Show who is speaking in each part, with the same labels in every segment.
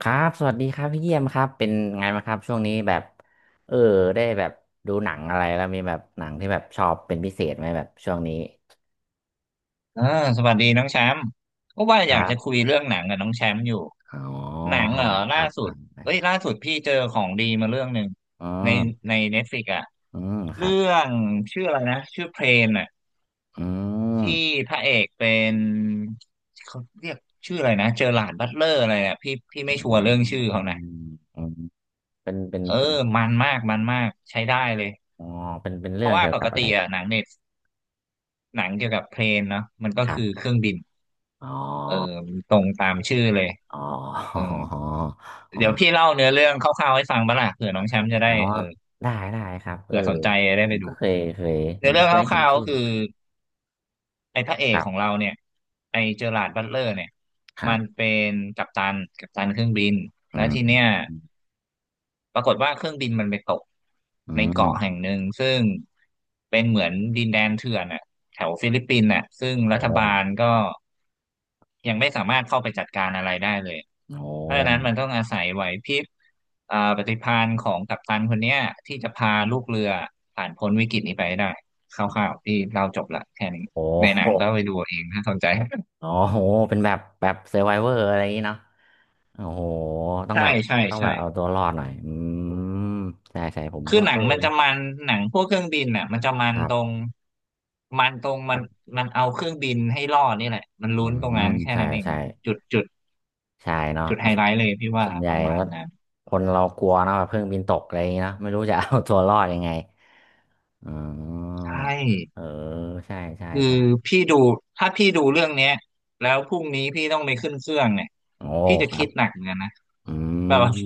Speaker 1: ครับสวัสดีครับพี่เยี่ยมครับเป็นไงบ้างครับช่วงนี้แบบเออได้แบบดูหนังอะไรแล้วมีแบบหนังที่แบบชอบเป็นพิเศษไหมแบบช่วงนี้
Speaker 2: เออสวัสดีน้องแชมป์ก็ว่า
Speaker 1: ค
Speaker 2: อยา
Speaker 1: รั
Speaker 2: กจะคุ
Speaker 1: บ
Speaker 2: ยเรื่องหนังกับน้องแชมป์อยู่
Speaker 1: อ๋
Speaker 2: ห
Speaker 1: อ
Speaker 2: นัง
Speaker 1: ค
Speaker 2: เหร
Speaker 1: รั
Speaker 2: อ
Speaker 1: บค
Speaker 2: ล่าสุด
Speaker 1: รั
Speaker 2: เอ้ย
Speaker 1: บ
Speaker 2: ล่าสุดพี่เจอของดีมาเรื่องหนึ่ง
Speaker 1: อื
Speaker 2: ใน
Speaker 1: ม
Speaker 2: เน็ตฟลิกอะ
Speaker 1: อืมครั
Speaker 2: เรื่
Speaker 1: บ
Speaker 2: องชื่ออะไรนะชื่อเพลนอะ
Speaker 1: อืม
Speaker 2: ที่พระเอกเป็นเขาเรียกชื่ออะไรนะเจอหลาร์ดบัตเลอร์อะไรอะพี่
Speaker 1: อื
Speaker 2: ไม่ชัวร์เรื่อง
Speaker 1: ม
Speaker 2: ชื่อ
Speaker 1: อื
Speaker 2: เขา
Speaker 1: ม
Speaker 2: นะ
Speaker 1: อืมเป็นเป็น
Speaker 2: เออ
Speaker 1: เป็น
Speaker 2: มันมากใช้ได้เลย
Speaker 1: อ๋อเป็น
Speaker 2: เพ
Speaker 1: เรื่อ
Speaker 2: ราะ
Speaker 1: ง
Speaker 2: ว่า
Speaker 1: เกี่ยว
Speaker 2: ป
Speaker 1: กั
Speaker 2: ก
Speaker 1: บอะ
Speaker 2: ติ
Speaker 1: ไร
Speaker 2: อะหนังเน็ตหนังเกี่ยวกับเพลนเนาะมันก็
Speaker 1: ครับ
Speaker 2: คือเครื่องบิน
Speaker 1: อ๋อ
Speaker 2: เออตรงตามชื่อเลย
Speaker 1: อ๋อ
Speaker 2: เอ
Speaker 1: อ๋
Speaker 2: อ
Speaker 1: ออ๋อ
Speaker 2: เดี๋ยวพี่เล่าเนื้อเรื่องคร่าวๆให้ฟังบ้างล่ะเผื่อน้องแชมป์จะได้
Speaker 1: อ๋อได้ได้ครับเออ
Speaker 2: เผื่อสนใจได้
Speaker 1: ผ
Speaker 2: ไป
Speaker 1: ม
Speaker 2: ดู
Speaker 1: ก็เคยเคยผ
Speaker 2: เนื้
Speaker 1: ม
Speaker 2: อเรื่
Speaker 1: ก็
Speaker 2: อง
Speaker 1: เค
Speaker 2: ค
Speaker 1: ยเห็น
Speaker 2: ร่าวๆ
Speaker 1: ชื่
Speaker 2: ก็
Speaker 1: อ
Speaker 2: คือไอ้พระเอ
Speaker 1: ค
Speaker 2: ก
Speaker 1: รั
Speaker 2: ของ
Speaker 1: บ
Speaker 2: เราเนี่ยไอ้เจอราร์ดบัตเลอร์เนี่ยมันเป็นกัปตันเครื่องบินแล้
Speaker 1: อื
Speaker 2: วทีเนี้ย
Speaker 1: ม
Speaker 2: ปรากฏว่าเครื่องบินมันไปตก
Speaker 1: อื
Speaker 2: ในเกาะแห่ง
Speaker 1: ม
Speaker 2: หนึ่งซึ่งเป็นเหมือนดินแดนเถื่อนอ่ะแถวฟิลิปปินส์อ่ะซึ่ง
Speaker 1: โอ้
Speaker 2: รัฐ
Speaker 1: โห
Speaker 2: บาลก็ยังไม่สามารถเข้าไปจัดการอะไรได้เลย
Speaker 1: โอ้โ
Speaker 2: เพราะฉะนั้นมันต้องอาศัยไหวพริบปฏิภาณของกัปตันคนเนี้ยที่จะพาลูกเรือผ่านพ้นวิกฤตนี้ไปให้ได้คร่าวๆที่เราจบละแค่นี้
Speaker 1: อ
Speaker 2: ในหนัง
Speaker 1: ้
Speaker 2: ก็ไปดูเอาเองถ้าสนใจ
Speaker 1: อ๋อโหเป็นแบบ แบบเซอร์ไวเวอร์อะไรอย่างนี้เนาะโอ้โห ต้อง
Speaker 2: ใช่
Speaker 1: แบบ
Speaker 2: ใช่
Speaker 1: ต้องแบ
Speaker 2: ใช่
Speaker 1: บเอาตัวรอดหน่อย อืมใช่ใช่ผม
Speaker 2: คือ
Speaker 1: ก็
Speaker 2: หนั
Speaker 1: เอ
Speaker 2: ง
Speaker 1: อ
Speaker 2: มันจะมันหนังพวกเครื่องบินน่ะมันจะมั
Speaker 1: ค
Speaker 2: น
Speaker 1: รั
Speaker 2: ต
Speaker 1: บ
Speaker 2: รงมันตรงมัน
Speaker 1: แบบ
Speaker 2: มันเอาเครื่องบินให้รอดนี่แหละมัน
Speaker 1: อื
Speaker 2: ลุ้นตรง
Speaker 1: ม
Speaker 2: นั้นแค่
Speaker 1: ใช่
Speaker 2: นั้นเอง
Speaker 1: ใช่
Speaker 2: นะ
Speaker 1: ใช่เนาะ
Speaker 2: จุดไฮ
Speaker 1: ก็
Speaker 2: ไลท์เลยพี่ว่า
Speaker 1: ส่วนให
Speaker 2: ป
Speaker 1: ญ่
Speaker 2: ระมา
Speaker 1: ก็
Speaker 2: ณนั้น
Speaker 1: คนเรากลัวเนอะแบบเครื่องบินตกอะไรอย่างนี้เนอะไม่รู้จะเอาตัวรอดยังไงอ๋อ
Speaker 2: ใช่
Speaker 1: เออ ใช่ใช่
Speaker 2: คือ
Speaker 1: ใช่
Speaker 2: พี่ดูถ้าพี่ดูเรื่องเนี้ยแล้วพรุ่งนี้พี่ต้องไปขึ้นเครื่องเนี่ย
Speaker 1: โอ้
Speaker 2: พี่จะ
Speaker 1: ครั
Speaker 2: คิ
Speaker 1: บ
Speaker 2: ดหนักเหมือนกันนะ
Speaker 1: อ
Speaker 2: แบบว่า
Speaker 1: ื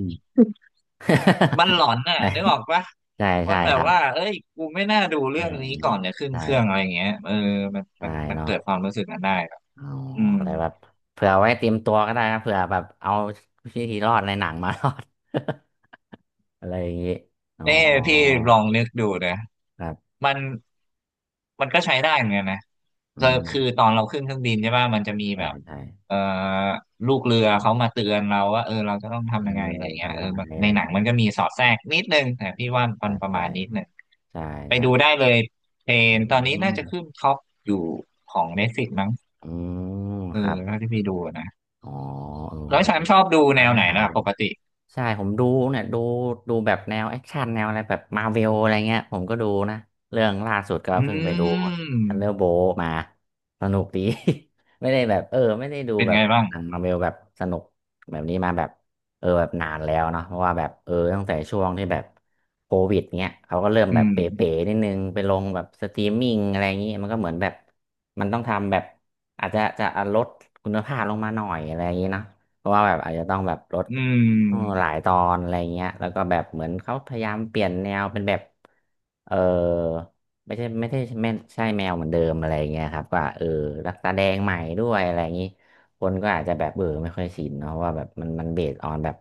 Speaker 2: มันหลอนน่ะ
Speaker 1: ม
Speaker 2: นึกออ กปะ
Speaker 1: ใช่
Speaker 2: มั
Speaker 1: ใช่
Speaker 2: นแบ
Speaker 1: ค
Speaker 2: บ
Speaker 1: รั
Speaker 2: ว่า
Speaker 1: บ
Speaker 2: เอ้ยกูไม่น่าดู
Speaker 1: เอ
Speaker 2: เรื่
Speaker 1: อ
Speaker 2: องนี้ก่อนเนี่ยขึ้น
Speaker 1: ใช่
Speaker 2: เครื่องอะไรอย่างเงี้ยเออมัน
Speaker 1: ใช่
Speaker 2: มันมัน
Speaker 1: เนาะ
Speaker 2: เกิดความรู้สึกนั้นได้แบบ
Speaker 1: อ๋อ
Speaker 2: อืม
Speaker 1: อะไรแบบเผื่อไว้เตรียมตัวก็ได้นะเผื่อแบบเอาวิธีรอดในหนังมา รอด อะไรอย่างงี้อ๋อ
Speaker 2: นี่พี่ลองนึกดูนะ
Speaker 1: ครับ
Speaker 2: มันมันก็ใช้ได้เหมือนกันนะ
Speaker 1: อื
Speaker 2: ก็
Speaker 1: ม
Speaker 2: คือตอนเราขึ้นเครื่องบินใช่ป่ะมันจะมี
Speaker 1: ใช่
Speaker 2: แบบ
Speaker 1: ใช่
Speaker 2: เอ่อลูกเรือเขามาเตือนเราว่าเออเราจะต้อง
Speaker 1: เอ
Speaker 2: ทำยังไงอะไร
Speaker 1: อ
Speaker 2: เงี้ยเอ
Speaker 1: ทำ
Speaker 2: อ
Speaker 1: อะไร
Speaker 2: แบบ
Speaker 1: อะ
Speaker 2: ใน
Speaker 1: ไรอ
Speaker 2: ห
Speaker 1: ย่า
Speaker 2: นั
Speaker 1: ง
Speaker 2: ง
Speaker 1: เงี้ย
Speaker 2: มันก็มีสอดแทรกนิดนึงแต่พี่ว่ามั
Speaker 1: ใช่
Speaker 2: นประ
Speaker 1: ใช่
Speaker 2: มาณนิดนึง
Speaker 1: ใช่
Speaker 2: ไป
Speaker 1: ใช่
Speaker 2: ดูได้เลยเพล
Speaker 1: อื
Speaker 2: นตอนนี้น่า
Speaker 1: ม
Speaker 2: จะขึ้นท็อปอยู่ของ Netflix มั้ง
Speaker 1: อืม
Speaker 2: เออ
Speaker 1: ครับ
Speaker 2: เท่าที่พี่ดูนะ
Speaker 1: อ๋อเออ
Speaker 2: แล้ว
Speaker 1: ไว้
Speaker 2: ฉัน
Speaker 1: เดี๋ยว
Speaker 2: ชอบดู
Speaker 1: ไว้
Speaker 2: แนว
Speaker 1: ไป
Speaker 2: ไหน
Speaker 1: หา
Speaker 2: ล่ะ
Speaker 1: ดู
Speaker 2: ปกติ
Speaker 1: ใช่ผมดูเนี่ยดูดูแบบแนวแอคชั่นแนวอะไรแบบมาเวลอะไรเงี้ยผมก็ดูนะเรื่องล่าสุดก็
Speaker 2: อื
Speaker 1: เพิ่งไปดูทันเดอ
Speaker 2: ม
Speaker 1: ร์โบมาสนุกดี ไม่ได้แบบเออไม่ได้ดู
Speaker 2: เป็น
Speaker 1: แบบ
Speaker 2: ไงบ้าง
Speaker 1: หนังมาเวลแบบสนุกแบบนี้มาแบบเออแบบนานแล้วเนาะเพราะว่าแบบเออตั้งแต่ช่วงที่แบบโควิดเงี้ยเขาก็เริ่ม
Speaker 2: อื
Speaker 1: แบบ
Speaker 2: ม
Speaker 1: เป๋ๆนิดนึงไปลงแบบสตรีมมิ่งอะไรอย่างงี้มันก็เหมือนแบบมันต้องทำแบบอาจจะลดคุณภาพลงมาหน่อยอะไรอย่างงี้เนาะเพราะว่าแบบอาจจะต้องแบบลด
Speaker 2: อืม
Speaker 1: โอหลายตอนอะไรเงี้ยแล้วก็แบบเหมือนเขาพยายามเปลี่ยนแนวเป็นแบบเออไม่ใช่ไม่ได้ไม่ใช่แมวเหมือนเดิมอะไรเงี้ยครับก็เออรักตาแดงใหม่ด้วยอะไรอย่างนี้คนก็อาจจะแบบเออไม่ค่อยชินเนาะว่าแบบมันมันเบสออนแบบ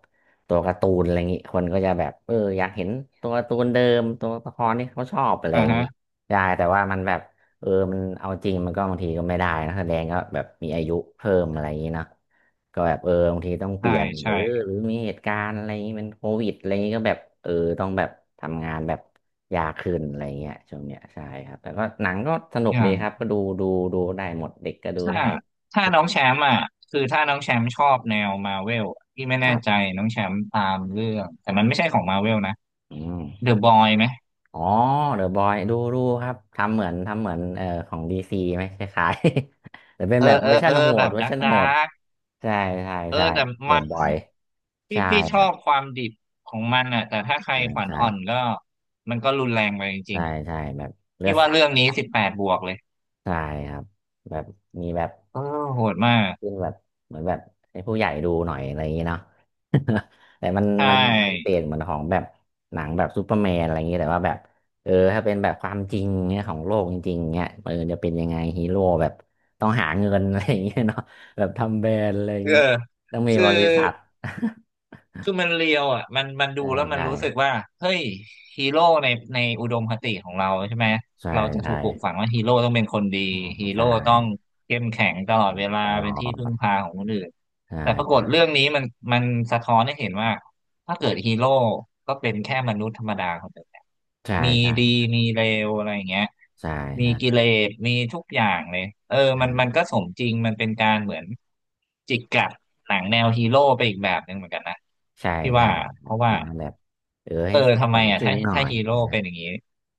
Speaker 1: ตัวการ์ตูนอะไรอย่างนี้คนก็จะแบบเอออยากเห็นตัวการ์ตูนเดิมตัวละครที่เขาชอบอะไร
Speaker 2: อ่า
Speaker 1: อย่าง
Speaker 2: ฮะ
Speaker 1: นี้ได้แต่ว่ามันแบบเออมันเอาจริงมันก็บางทีก็ไม่ได้นะแสดงก็แบบมีอายุเพิ่มอะไรอย่างนี้เนาะ ก็แบบเออบางทีต้องเป
Speaker 2: ใช่
Speaker 1: ลี่ยนหรื
Speaker 2: ใช่
Speaker 1: อหรือมีเหตุการณ์อะไรอย่างงี้เป็นโควิดอะไรอย่างงี้ก็แบบเออต้องแบบทำงานแบบยากขึ้นอะไรเงี้ยช่วงเนี้ยใช่ครับแต่ก็หนังก็สนุก
Speaker 2: อย่า
Speaker 1: ดี
Speaker 2: ง
Speaker 1: ครับก็ดูดูดูได้หมดเด็กก็ดู
Speaker 2: ถ้า
Speaker 1: ได้
Speaker 2: ถ้า
Speaker 1: ทุก
Speaker 2: น้
Speaker 1: อ
Speaker 2: อง
Speaker 1: ย่าง
Speaker 2: แชมป์อ่ะคือถ้าน้องแชมป์ชอบแนวมาเวลที่ไม่
Speaker 1: ค
Speaker 2: แน่
Speaker 1: รั
Speaker 2: ใจ
Speaker 1: บ
Speaker 2: น้องแชมป์ตามเรื่องแต่มันไม่ใช่ของมาเวลนะ
Speaker 1: อืม
Speaker 2: เดอะบอยไหม
Speaker 1: อ๋อเดอะบอยดูดูครับทำเหมือนทำเหมือนของดีซีไหมคล้ายๆ แต่เป็น
Speaker 2: เออ
Speaker 1: แบบเว
Speaker 2: เอ
Speaker 1: อ
Speaker 2: อ
Speaker 1: ร์ชั
Speaker 2: เอ
Speaker 1: น
Speaker 2: อ
Speaker 1: โห
Speaker 2: แบ
Speaker 1: ด
Speaker 2: บ
Speaker 1: เวอร์ชัน
Speaker 2: ดา
Speaker 1: โหด
Speaker 2: ร์ก
Speaker 1: ใช่ใช่
Speaker 2: เออ
Speaker 1: ใช่
Speaker 2: แต่
Speaker 1: เด
Speaker 2: มา
Speaker 1: อะบอย
Speaker 2: พี่
Speaker 1: ใช่
Speaker 2: พี่ช
Speaker 1: ค
Speaker 2: อ
Speaker 1: รับ
Speaker 2: บความดิบของมันอ่ะแต่ถ้าใคร
Speaker 1: ใช่
Speaker 2: ขวัญ
Speaker 1: ใช่
Speaker 2: อ่อนก็มันก็รุนแรงไปจริ
Speaker 1: ใช่
Speaker 2: งๆอะ
Speaker 1: ใช่แบบเลื
Speaker 2: พี่
Speaker 1: อด
Speaker 2: ว่า
Speaker 1: สาด
Speaker 2: เรื่อง
Speaker 1: เลือด
Speaker 2: นี้
Speaker 1: สา
Speaker 2: สิ
Speaker 1: ด
Speaker 2: บแปดบวกเลย
Speaker 1: ใช่ครับแบบมีแบบ
Speaker 2: เออโหดมาก
Speaker 1: ขึ้นแบบเหมือนแบบให้ผู้ใหญ่ดูหน่อยอะไรอย่างนี้เนาะ แต่มัน
Speaker 2: ใช
Speaker 1: มันมันเป
Speaker 2: ่
Speaker 1: ลี่ยนเหมือนของแบบหนังแบบซูเปอร์แมนอะไรอย่างนี้แต่ว่าแบบเออถ้าเป็นแบบความจริงเนี่ยของโลกจริงๆเนี่ยเออจะเป็นยังไงฮีโร่แบบต้องหาเงิน อะไรอย่างเงี้ยเนาะแบบทำแบรนด์อะไรอย่า
Speaker 2: เอ
Speaker 1: ง
Speaker 2: อ
Speaker 1: นี้ต้องมี
Speaker 2: คือ
Speaker 1: บริษัท
Speaker 2: คือมันเรียวอ่ะมันดู
Speaker 1: ใช่
Speaker 2: แล้วมัน
Speaker 1: ใช่
Speaker 2: รู้สึกว่าเฮ้ยฮีโร่ในอุดมคติของเราใช่ไหม
Speaker 1: ใช่
Speaker 2: เราจะ
Speaker 1: ใช่
Speaker 2: ถูกปลูกฝังว่าฮีโร่ต้องเป็นคนดี
Speaker 1: ออ
Speaker 2: ฮีโร่
Speaker 1: ใช่
Speaker 2: ต้องเข้มแข็งตลอดเวลา
Speaker 1: ตล
Speaker 2: เป็
Speaker 1: อ
Speaker 2: นที่พึ่ง
Speaker 1: ด
Speaker 2: พาของคนอื่น
Speaker 1: ใช่
Speaker 2: แต่ปรากฏ
Speaker 1: ใช่
Speaker 2: เรื่องนี้มันสะท้อนให้เห็นว่า ถ้าเกิดฮีโร่ก็เป็นแค่มนุษย์ธรรมดาคนหนึ่งน
Speaker 1: ใช่
Speaker 2: มี
Speaker 1: ใช่
Speaker 2: ดีมีเลวอะไรอย่างเงี้ย
Speaker 1: ใช่
Speaker 2: มีกิเลสมีทุกอย่างเลยเออ
Speaker 1: ใช่
Speaker 2: มันก็สมจริงมันเป็นการเหมือนจิกกัดหนังแนวฮีโร่ไปอีกแบบหนึ่งเหมือนกันนะ
Speaker 1: ใช่
Speaker 2: พี่
Speaker 1: ใช่
Speaker 2: ว่าเพราะ
Speaker 1: ป
Speaker 2: ว่า
Speaker 1: ระมาณแบบเออ
Speaker 2: เอ
Speaker 1: ให้
Speaker 2: อทำ
Speaker 1: ส
Speaker 2: ไม
Speaker 1: ม
Speaker 2: อ่ะ
Speaker 1: จริงหน่อ
Speaker 2: ถ้า
Speaker 1: ย
Speaker 2: ฮีโร่
Speaker 1: นะ
Speaker 2: เป็นอย่างนี้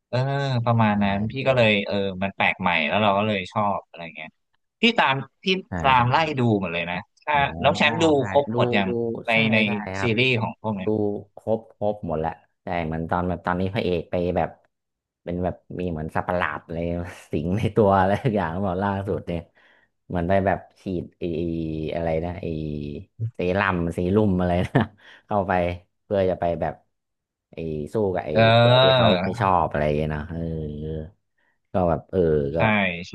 Speaker 2: เออประมาณนั้
Speaker 1: ใช่
Speaker 2: นพี่
Speaker 1: ใช่
Speaker 2: ก็เลยเออมันแปลกใหม่แล้วเราก็เลยชอบอะไรเงี้ยพี่ตามพี่
Speaker 1: ใช่
Speaker 2: ตามไล่
Speaker 1: ใช่
Speaker 2: ดูหมดเลยนะถ้า
Speaker 1: อ๋อ
Speaker 2: น้องแชมป์ดู
Speaker 1: ใช่
Speaker 2: ครบ
Speaker 1: ดู
Speaker 2: หมดยัง
Speaker 1: ดู
Speaker 2: ใน
Speaker 1: ใช่ใช่ครั
Speaker 2: ซี
Speaker 1: บ
Speaker 2: รีส์ของพวกเนี้
Speaker 1: ดู
Speaker 2: ย
Speaker 1: ครบครบหมดแหละใช่เหมือนตอนแบบตอนนี้พระเอกไปแบบเป็นแบบมีเหมือนสัตว์ประหลาดอะไร สิงในตัวอะไรทุกอย่างหมดล่าสุดเนี่ยเหมือนไปแบบฉีดไออะไรนะไอเซรั่มเซีรุ่มอะไรนะ เข้าไปเพื่อจะไปแบบไอสู้กับไอ
Speaker 2: เอ
Speaker 1: ตัวที่เขา
Speaker 2: อ
Speaker 1: ไม่ชอบอะไรอย่างเงี้ยเนาะเออก็แบบเออก็
Speaker 2: ใช่ใช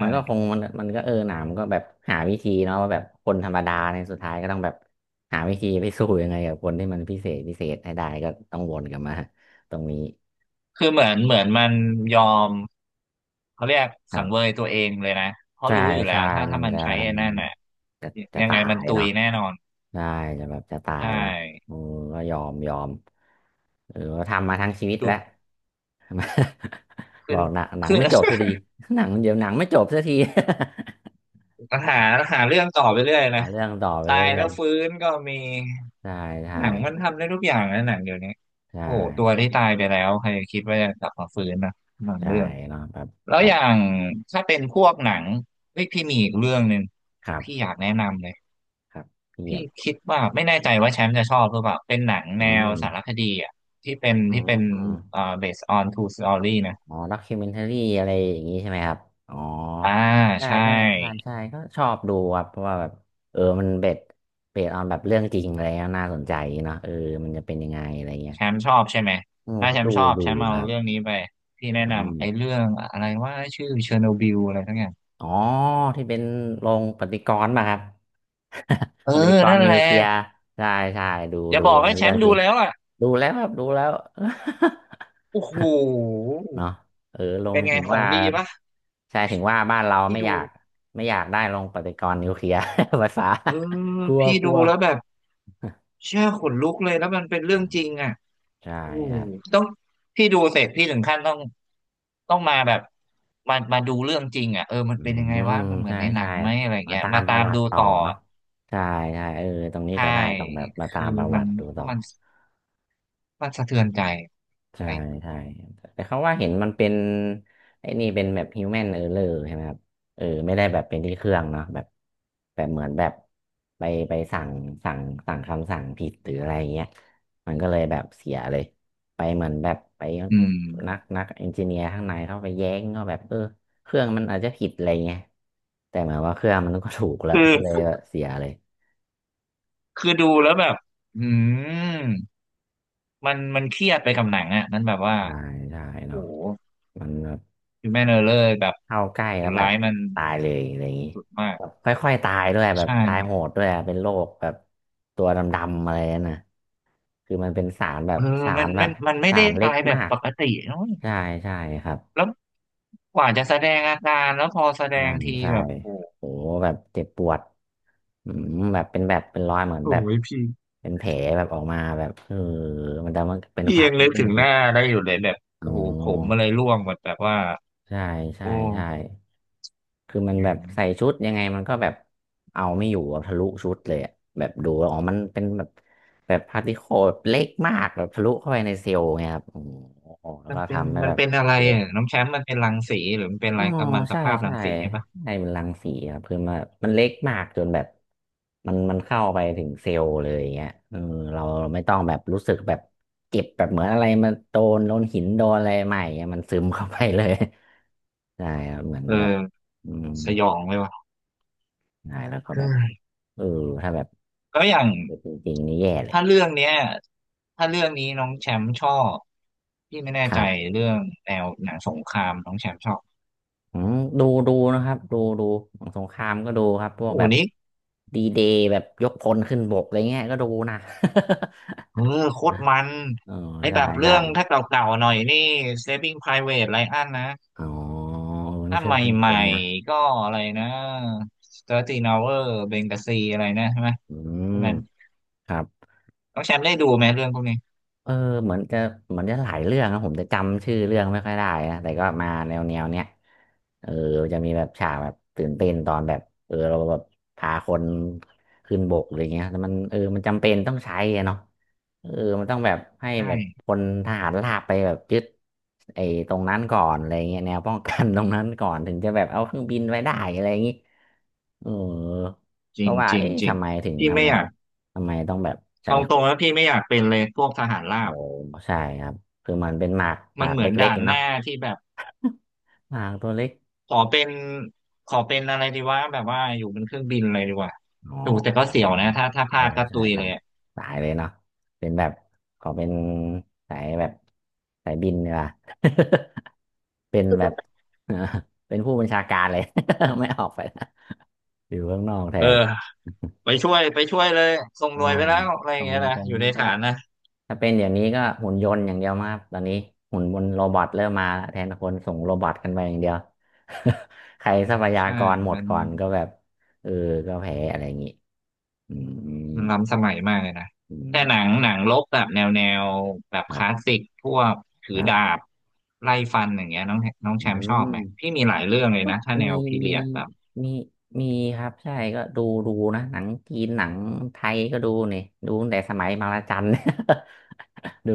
Speaker 1: มั
Speaker 2: ่
Speaker 1: นก็คงมันมันก็เออหนามันก็แบบหาวิธีเนาะว่าแบบคนธรรมดาในยสุดท้ายก็ต้องแบบหาวิธีไปสู้ยังไงกับคนที่มันพิเศษพิเศษให้ได้ก็ต้องวนกลับมาตรงนี้
Speaker 2: คือเหมือนมันยอมเขาเรียก
Speaker 1: ครั
Speaker 2: สังเวย
Speaker 1: บ
Speaker 2: ตัวเองเลยนะเพราะ
Speaker 1: ใช่
Speaker 2: รู้อยู่แล้
Speaker 1: ใช่
Speaker 2: ว
Speaker 1: มั
Speaker 2: ถ้า
Speaker 1: น
Speaker 2: มัน
Speaker 1: จะ
Speaker 2: ใช้ไอ้นั่นน่ะ
Speaker 1: จะจะ
Speaker 2: ยังไง
Speaker 1: ตา
Speaker 2: มัน
Speaker 1: ย
Speaker 2: ตุย
Speaker 1: เนาะ
Speaker 2: แน่นอน
Speaker 1: ใช่จะแบบจะตา
Speaker 2: ใช่
Speaker 1: ยเนาะอือก็ยอมยอมเออทำมาทั้งชีวิต
Speaker 2: จุ
Speaker 1: แล้
Speaker 2: ด
Speaker 1: ว บ
Speaker 2: ขึ้
Speaker 1: อ
Speaker 2: น
Speaker 1: กหนัง
Speaker 2: ขึ้น
Speaker 1: ไม่จบสักทีหนังเดี๋ยวหนังไม่จบสักที
Speaker 2: หาหาเรื่องต่อไปเรื่อย นะ
Speaker 1: หาเรื่องต่อไป
Speaker 2: ตาย
Speaker 1: เรื่
Speaker 2: แล้
Speaker 1: อ
Speaker 2: ว
Speaker 1: ย
Speaker 2: ฟื้นก็มี
Speaker 1: ๆใช่ใช่
Speaker 2: หนังมันทำได้ทุกอย่างนะหนังเดี๋ยวนี้
Speaker 1: ใช่
Speaker 2: โอ้โหตัวที่ตายไปแล้วใครจะคิดว่าจะกลับมาฟื้นนะหนัง
Speaker 1: ใช่
Speaker 2: เรื่อง
Speaker 1: เนาะแบบ
Speaker 2: แล้ว
Speaker 1: แบ
Speaker 2: อ
Speaker 1: บ
Speaker 2: ย่างถ้าเป็นพวกหนังเฮ้ยพี่มีอีกเรื่องหนึ่ง
Speaker 1: ครั
Speaker 2: พี่อ
Speaker 1: บ
Speaker 2: ยากแนะนำเลย
Speaker 1: ครับเยี่
Speaker 2: พี่
Speaker 1: ยม
Speaker 2: คิดว่าไม่แน่ใจว่าแชมป์จะชอบหรือเปล่าเป็นหนัง
Speaker 1: อื
Speaker 2: แนว
Speaker 1: ม
Speaker 2: สารคดีอ่ะ
Speaker 1: อื
Speaker 2: ที่เป็น
Speaker 1: ม
Speaker 2: based on true story นะ
Speaker 1: อ๋อด็อกิเมนทารี่อะไรอย่างงี้ใช่ไหมครับอ๋อ
Speaker 2: อ่า
Speaker 1: ใช่
Speaker 2: ใช่
Speaker 1: ใช่ใช่ใช่ก็ชอบดูครับเพราะว่าแบบเออมันเบ็ดเบ็ดออนแบบเรื่องจริงอะไรเงี้ยน่าสนใจเนาะเออมันจะเป็นยังไงอะไรเงี้ย
Speaker 2: แชมป์ชอบใช่ไหม
Speaker 1: อืม
Speaker 2: ถ้า
Speaker 1: ก็
Speaker 2: แชม
Speaker 1: ดู
Speaker 2: ป์ชอบ
Speaker 1: ดู
Speaker 2: แชมป์เอา
Speaker 1: ครับ
Speaker 2: เรื่องนี้ไปพี่แนะ
Speaker 1: อืม
Speaker 2: นำไอ้เรื่องอะไรว่าชื่อเชอร์โนบิลอะไรทั้งอย่าง
Speaker 1: อ๋อที่เป็นโรงปฏิกรณ์ป่ะครับ
Speaker 2: เอ อ
Speaker 1: ปฏิกร
Speaker 2: นั่
Speaker 1: ณ์
Speaker 2: น
Speaker 1: นิ
Speaker 2: แห
Speaker 1: ว
Speaker 2: ละ
Speaker 1: เคลียร์ใช่ใช่ดู
Speaker 2: อย่า
Speaker 1: ดู
Speaker 2: บอกให้แช
Speaker 1: เรื่อ
Speaker 2: ม
Speaker 1: ง
Speaker 2: ป์
Speaker 1: จ
Speaker 2: ดู
Speaker 1: ริง
Speaker 2: แล้วอ่ะ
Speaker 1: ดูแล้วครับดูแล้ว
Speaker 2: โอ้โห
Speaker 1: เนาะเออล
Speaker 2: เป็
Speaker 1: ง
Speaker 2: นไง
Speaker 1: ถึง
Speaker 2: ขอ
Speaker 1: ว่า
Speaker 2: งดีปะ
Speaker 1: ใช่ถึงว่าบ้านเรา
Speaker 2: พี่
Speaker 1: ไม่อ
Speaker 2: ดู
Speaker 1: ยากไม่อยากได้ลงปฏิกรณ์นิวเคลียร์ ภาษา
Speaker 2: เออ
Speaker 1: กลัว
Speaker 2: พี่
Speaker 1: ก
Speaker 2: ดู
Speaker 1: ลัว
Speaker 2: แล้วแบบเชื่อขนลุกเลยแล้วมันเป็นเรื่
Speaker 1: อื
Speaker 2: อง
Speaker 1: ม
Speaker 2: จริงอ่ะ
Speaker 1: ใช่
Speaker 2: โอ้โห
Speaker 1: ครับ
Speaker 2: ต้องพี่ดูเสร็จพี่ถึงขั้นต้องต้องมาแบบมามาดูเรื่องจริงอ่ะเออมัน
Speaker 1: อื
Speaker 2: เป็
Speaker 1: ม
Speaker 2: นยังไง
Speaker 1: อื
Speaker 2: วะ
Speaker 1: ม
Speaker 2: มันเหมือ
Speaker 1: ใช่
Speaker 2: นในหนั
Speaker 1: ใช่
Speaker 2: งไหมอะไร
Speaker 1: มา
Speaker 2: เงี้ย
Speaker 1: ตาม
Speaker 2: มา
Speaker 1: ป
Speaker 2: ตา
Speaker 1: ระ
Speaker 2: ม
Speaker 1: วั
Speaker 2: ดู
Speaker 1: ติต่อ
Speaker 2: ต่อ
Speaker 1: เนาะใช่ใช่เออตรงนี้
Speaker 2: ใช่
Speaker 1: จะได้ต้องแบบมาตา
Speaker 2: คือ
Speaker 1: มประ
Speaker 2: มั
Speaker 1: วั
Speaker 2: น
Speaker 1: ติดูต่อ
Speaker 2: มันมันสะเทือนใจอะ
Speaker 1: ใช่
Speaker 2: ไรเงี้ย
Speaker 1: ใช่แต่เขาว่าเห็นมันเป็นไอ้นี่เป็นแบบฮิวแมนเออร์เลอร์ใช่ไหมครับเออไม่ได้แบบเป็นที่เครื่องเนาะแบบแบบเหมือนแบบไปไปสั่งสั่งสั่งคำสั่งผิดหรืออะไรเงี้ยมันก็เลยแบบเสียเลยไปเหมือนแบบไป
Speaker 2: อื
Speaker 1: นัก
Speaker 2: ม
Speaker 1: นักเอนจิเนียร์ข้างในเข้าไปแย้งก็แบบเออเครื่องมันอาจจะผิดอะไรเงี้ยแต่เหมือนว่าเครื่องมันก็ถูกแล้ว
Speaker 2: คือ
Speaker 1: ก็เลยแบบเสียเลย
Speaker 2: คือดูแล้วแบบอืมมันมันเครียดไปกับหนังอ่ะมันแบบว่า
Speaker 1: ใช่ใช่
Speaker 2: โอ้
Speaker 1: เนาะ
Speaker 2: โห
Speaker 1: มันแบบ
Speaker 2: คือแม่เนอร์เลอร์แบบ
Speaker 1: เข้าใกล้
Speaker 2: ค
Speaker 1: แล้ว
Speaker 2: น
Speaker 1: แบ
Speaker 2: ร้า
Speaker 1: บ
Speaker 2: ยมัน
Speaker 1: ตายเลยอะไรอย่างนี้
Speaker 2: สุดมาก
Speaker 1: แบบค่อยๆตายด้วยแบบ
Speaker 2: ใช่
Speaker 1: ตายโหดด้วยอะเป็นโรคแบบตัวดำๆอะไรนั่นนะคือมันเป็นสารแบ
Speaker 2: เอ
Speaker 1: บ
Speaker 2: อ
Speaker 1: สา
Speaker 2: มั
Speaker 1: ร
Speaker 2: น
Speaker 1: แบ
Speaker 2: มั
Speaker 1: บ
Speaker 2: นมันไม่
Speaker 1: สา
Speaker 2: ได้
Speaker 1: รเล็
Speaker 2: ตา
Speaker 1: ก
Speaker 2: ยแบ
Speaker 1: มา
Speaker 2: บ
Speaker 1: ก
Speaker 2: ปกติเนอะ
Speaker 1: ใช่ใช่ครับ
Speaker 2: แล้วกว่าจะแสดงอาการแล้วพอแสด
Speaker 1: อ่า
Speaker 2: งที
Speaker 1: ใช่
Speaker 2: แบบโอ้โห
Speaker 1: โหแบบเจ็บปวดอืมแบบเป็นแบบเป็นรอยเหมือน
Speaker 2: โอ้
Speaker 1: แบบ
Speaker 2: ยพี่
Speaker 1: เป็นแผลแบบออกมาแบบเออมันแต่มันเป็น
Speaker 2: พี่
Speaker 1: ควา
Speaker 2: ยั
Speaker 1: ม
Speaker 2: ง นึกถึง
Speaker 1: จ
Speaker 2: ห
Speaker 1: ริง
Speaker 2: น้าได้อยู่เลยแบบ
Speaker 1: อ๋
Speaker 2: โอ้
Speaker 1: อ
Speaker 2: โหผมอะไรร่วงหมดแบบว่า
Speaker 1: ใช่ใช่
Speaker 2: โอ้
Speaker 1: ใช่ คือมัน
Speaker 2: อื
Speaker 1: แบบใส่
Speaker 2: ม
Speaker 1: ชุดยังไงมันก็แบบเอาไม่อยู่อะทะลุชุดเลยอะแบบดูแล้วอ๋อมันเป็นแบบแบบพาร์ติเคิลเล็กมากแบบทะลุเข้าไปในเซลล์ไงครับโอ้โหแล้ว
Speaker 2: มัน
Speaker 1: ก็
Speaker 2: เป็น
Speaker 1: ทำให้
Speaker 2: มั
Speaker 1: แบ
Speaker 2: น
Speaker 1: บ
Speaker 2: เป็นอะไร
Speaker 1: เกิด
Speaker 2: อ่ะน้องแชมป์มันเป็นรังสีหรือมันเป็นอะ
Speaker 1: อ๋
Speaker 2: ไร
Speaker 1: อ
Speaker 2: กัมมันต
Speaker 1: ใช่
Speaker 2: ภาพรั
Speaker 1: ใช่
Speaker 2: งสีใช่ปะ
Speaker 1: ใช่มันรังสีครับคือมันเล็กมากจนแบบมันเข้าไปถึงเซลล์เลยอย่างเงี้ยเออเราไม่ต้องแบบรู้สึกแบบเจ็บแบบเหมือนอะไรมันโดนหินโดนอะไรใหม่เงี้ยมันซึมเข้าไปเลย ใช่ครับเหมือน
Speaker 2: เอ
Speaker 1: แบบ
Speaker 2: อ
Speaker 1: อืม
Speaker 2: สยองเลยว่ะ
Speaker 1: ใช่แล้วก็
Speaker 2: เฮ้
Speaker 1: แบบ
Speaker 2: ย
Speaker 1: เออถ้าแบบ
Speaker 2: แล้วอย่าง
Speaker 1: จริงๆนี่แย่เลย
Speaker 2: ถ้าเรื่องเนี้ยถ้าเรื่องนี้น้องแชมป์ชอบพี่ไม่แน่
Speaker 1: ค
Speaker 2: ใจ
Speaker 1: รับ
Speaker 2: เรื่องแนวหนังสงครามน้องแชมป์ชอบ
Speaker 1: อืมดูดูนะครับดูดูของสงครามก็ดูครับพวก
Speaker 2: โอ้โห
Speaker 1: แบบ
Speaker 2: นี่
Speaker 1: ดีเดย์แบบยกพลขึ้นบกอะไรเงี้ยก็ดูนะ
Speaker 2: เออโคตรมัน
Speaker 1: อ๋อ
Speaker 2: ไอ้
Speaker 1: ได้
Speaker 2: แบบเรื่
Speaker 1: ได้
Speaker 2: องถ้าเก่าๆหน่อยนี่ Saving Private Ryan นะ
Speaker 1: อ๋อเออน่า
Speaker 2: ถ้าใ
Speaker 1: ชื่นชม
Speaker 2: ห
Speaker 1: ค
Speaker 2: ม่
Speaker 1: นนะ
Speaker 2: ๆก็อะไรนะ13 Hour Benghazi อะไรนะใช่ไหม
Speaker 1: อื
Speaker 2: พ
Speaker 1: ม
Speaker 2: วกนั้น
Speaker 1: ครับ
Speaker 2: น้องแชมป์ได้ดูไหมเรื่องพวกนี้
Speaker 1: เออเหมือนจะเหมือนจะหลายเรื่องนะผมจะจำชื่อเรื่องไม่ค่อยได้นะแต่ก็มาแนวแนวเนี้ยเออจะมีแบบฉากแบบตื่นเต้นตอนแบบเออเราแบบพาคนขึ้นบกอะไรเงี้ยแต่มันเออมันจำเป็นต้องใช้อะเนาะเออมันต้องแบบให้แบบ
Speaker 2: ใช่
Speaker 1: คนทหารราบไปแบบยึดไอ้ตรงนั้นก่อนอะไรเงี้ยแนวป้องกัน ตรงนั้นก่อนถึงจะแบบเอาเครื่องบินไว้ได้อะไรอย่างงี้เออ
Speaker 2: จ
Speaker 1: เพ
Speaker 2: ริง
Speaker 1: ราะว่า
Speaker 2: จริง
Speaker 1: เอ๊ะ
Speaker 2: จริง
Speaker 1: ทำไมถึง
Speaker 2: พี่
Speaker 1: ทำ
Speaker 2: ไม่
Speaker 1: ไม
Speaker 2: อยาก
Speaker 1: ทำไมต้องแบบใช้
Speaker 2: เอา
Speaker 1: โค
Speaker 2: ตรงแล้วพี่ไม่อยากเป็นเลยพวกทหารรา
Speaker 1: โอ้
Speaker 2: บ
Speaker 1: ใช่ครับคือมันเป็นหมากห
Speaker 2: มั
Speaker 1: มา
Speaker 2: น
Speaker 1: ก
Speaker 2: เหมือน
Speaker 1: เล็ก
Speaker 2: ด่าน
Speaker 1: ๆ
Speaker 2: ห
Speaker 1: เนาะ
Speaker 2: น้าที่แบบ
Speaker 1: หมากตัวเล็ก
Speaker 2: ขอเป็นขอเป็นอะไรดีวะแบบว่าอยู่บนเครื่องบินอะไรดีกว่า
Speaker 1: อ๋
Speaker 2: ดูแต่ก็เสี่
Speaker 1: อ
Speaker 2: ยวนะถ้าถ้าพ
Speaker 1: โอ้
Speaker 2: ลาดก็
Speaker 1: ใช่
Speaker 2: ตุย
Speaker 1: ค
Speaker 2: เล
Speaker 1: รับ
Speaker 2: ยอะ
Speaker 1: สายเลยเนาะเป็นแบบขอเป็นสายแบบสายบินเนีกว่ย เป็นแบบ เออเป็นผู้บัญชาการเลย ไม่ออกไปนะอยู่ข้างนอกแท
Speaker 2: เออ
Speaker 1: น
Speaker 2: ไปช่วยไปช่วยเลยส่ง
Speaker 1: อ๋
Speaker 2: ห
Speaker 1: อ
Speaker 2: น่วยไปแล้วอะไรอ
Speaker 1: ต
Speaker 2: ย่า
Speaker 1: ร
Speaker 2: ง
Speaker 1: ง
Speaker 2: เงี้ยนะ
Speaker 1: ตรง
Speaker 2: อยู่
Speaker 1: นู้
Speaker 2: ใน
Speaker 1: นก็
Speaker 2: ฐา
Speaker 1: ได้
Speaker 2: นนะ
Speaker 1: ถ้าเป็นเดี๋ยวนี้ก็หุ่นยนต์อย่างเดียวมากครับตอนนี้หุ่นบนโรบอทเริ่มมาแล้วแทนคนส่งโรบอทกันไปอย่างเดียว ใครทรัพยา
Speaker 2: ใช่
Speaker 1: กรหมด
Speaker 2: มัน
Speaker 1: ก่อนก็แบบเออก็แพ้อะไรอย่างนี้อืม
Speaker 2: มันล้ำสมัยมากเลยนะ
Speaker 1: อื
Speaker 2: แต่หนัง
Speaker 1: ม
Speaker 2: หนังรบแบบแนวแนวแบบ
Speaker 1: ค
Speaker 2: ค
Speaker 1: รั
Speaker 2: ลาส
Speaker 1: บ
Speaker 2: สิกพวกถื
Speaker 1: ค
Speaker 2: อ
Speaker 1: รั
Speaker 2: ดา
Speaker 1: บ
Speaker 2: บไล่ฟันอย่างเงี้ยน้องน้อง
Speaker 1: อื
Speaker 2: แชมป์ชอบ
Speaker 1: ม
Speaker 2: ไหมพี่มีหลายเรื่องเลย
Speaker 1: ก็
Speaker 2: นะถ้า
Speaker 1: มี
Speaker 2: แนวพี
Speaker 1: มี
Speaker 2: เรียดแบบ
Speaker 1: มีมีครับใช่ก็ดูดูนะหนังจีนหนังไทยก็ดูนี่ดูตั้งแต่สมัยมาลาจัน ดู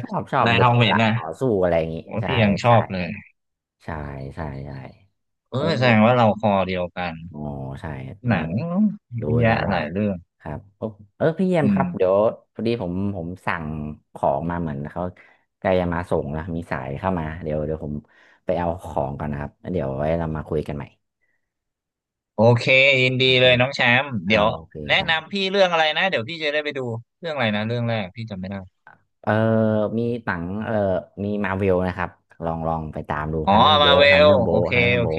Speaker 1: ช
Speaker 2: ะ
Speaker 1: อบชอบ
Speaker 2: นาย
Speaker 1: ดู
Speaker 2: ทองเหม็
Speaker 1: ละ
Speaker 2: นนะ
Speaker 1: ต่อสู้อะไรอย่างนี้
Speaker 2: โอ้
Speaker 1: ใช่
Speaker 2: พี่ยังชอ
Speaker 1: ใช่
Speaker 2: บเลย
Speaker 1: ใช่ใช่ใช่
Speaker 2: เออ
Speaker 1: เออ
Speaker 2: แสดงว่าเราคอเดียวกัน
Speaker 1: อ๋อใช่ใน
Speaker 2: หนังเย
Speaker 1: ดู
Speaker 2: อะ
Speaker 1: กั
Speaker 2: แยะ
Speaker 1: นได้
Speaker 2: หลายเรื่อง
Speaker 1: ครับโอ้เออพี่เยี่ยม
Speaker 2: อื
Speaker 1: ค
Speaker 2: ม
Speaker 1: รับเดี๋ยวพอดีผมสั่งของมาเหมือนเขาใกล้จะมาส่งแล้วมีสายเข้ามาเดี๋ยวเดี๋ยวผมไปเอาของก่อนนะครับแล้วเดี๋ยวไว้เรามาคุยกันใหม่
Speaker 2: โอเคยิน
Speaker 1: โอ
Speaker 2: ดี
Speaker 1: เค
Speaker 2: เลยน้องแชมป์เดี๋
Speaker 1: เอา
Speaker 2: ยว
Speaker 1: โอเค
Speaker 2: แนะ
Speaker 1: ครับ
Speaker 2: นำพี่เรื่องอะไรนะเดี๋ยวพี่จะได้ไปดูเรื่องอะไรนะเรื่องแรกพี่จำไม่ได้
Speaker 1: เออมีหนังเออมีมาเวลนะครับลองลองไปตามดู
Speaker 2: อ๋อ
Speaker 1: ทันเดอร์โบ
Speaker 2: มาเว
Speaker 1: ทัน
Speaker 2: ล
Speaker 1: เดอร์โบ
Speaker 2: โอเค
Speaker 1: ทันเดอร์
Speaker 2: โอ
Speaker 1: โบ
Speaker 2: เค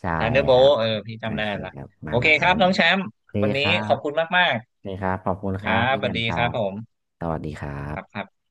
Speaker 1: ใช่
Speaker 2: ทันเดอร์โบ
Speaker 1: ครับ
Speaker 2: เออพี่
Speaker 1: โอ
Speaker 2: จำได้
Speaker 1: เค
Speaker 2: ละ
Speaker 1: ครับ
Speaker 2: โอ
Speaker 1: มาให
Speaker 2: เค
Speaker 1: ม่
Speaker 2: ครั
Speaker 1: มา
Speaker 2: บ
Speaker 1: ให
Speaker 2: น้อ
Speaker 1: ม่
Speaker 2: งแชมป์
Speaker 1: โอเค
Speaker 2: วัน
Speaker 1: ค
Speaker 2: นี้
Speaker 1: รั
Speaker 2: ข
Speaker 1: บ
Speaker 2: อบคุณมาก
Speaker 1: นี่ครับ ขอบคุณ
Speaker 2: ๆค
Speaker 1: ค
Speaker 2: รั
Speaker 1: รับ
Speaker 2: บ
Speaker 1: พี่
Speaker 2: ส
Speaker 1: แย
Speaker 2: วัส
Speaker 1: ม
Speaker 2: ดี
Speaker 1: ครั
Speaker 2: ครับ
Speaker 1: บ
Speaker 2: ผม
Speaker 1: สวัสดีครั
Speaker 2: ครับครั
Speaker 1: บ
Speaker 2: บ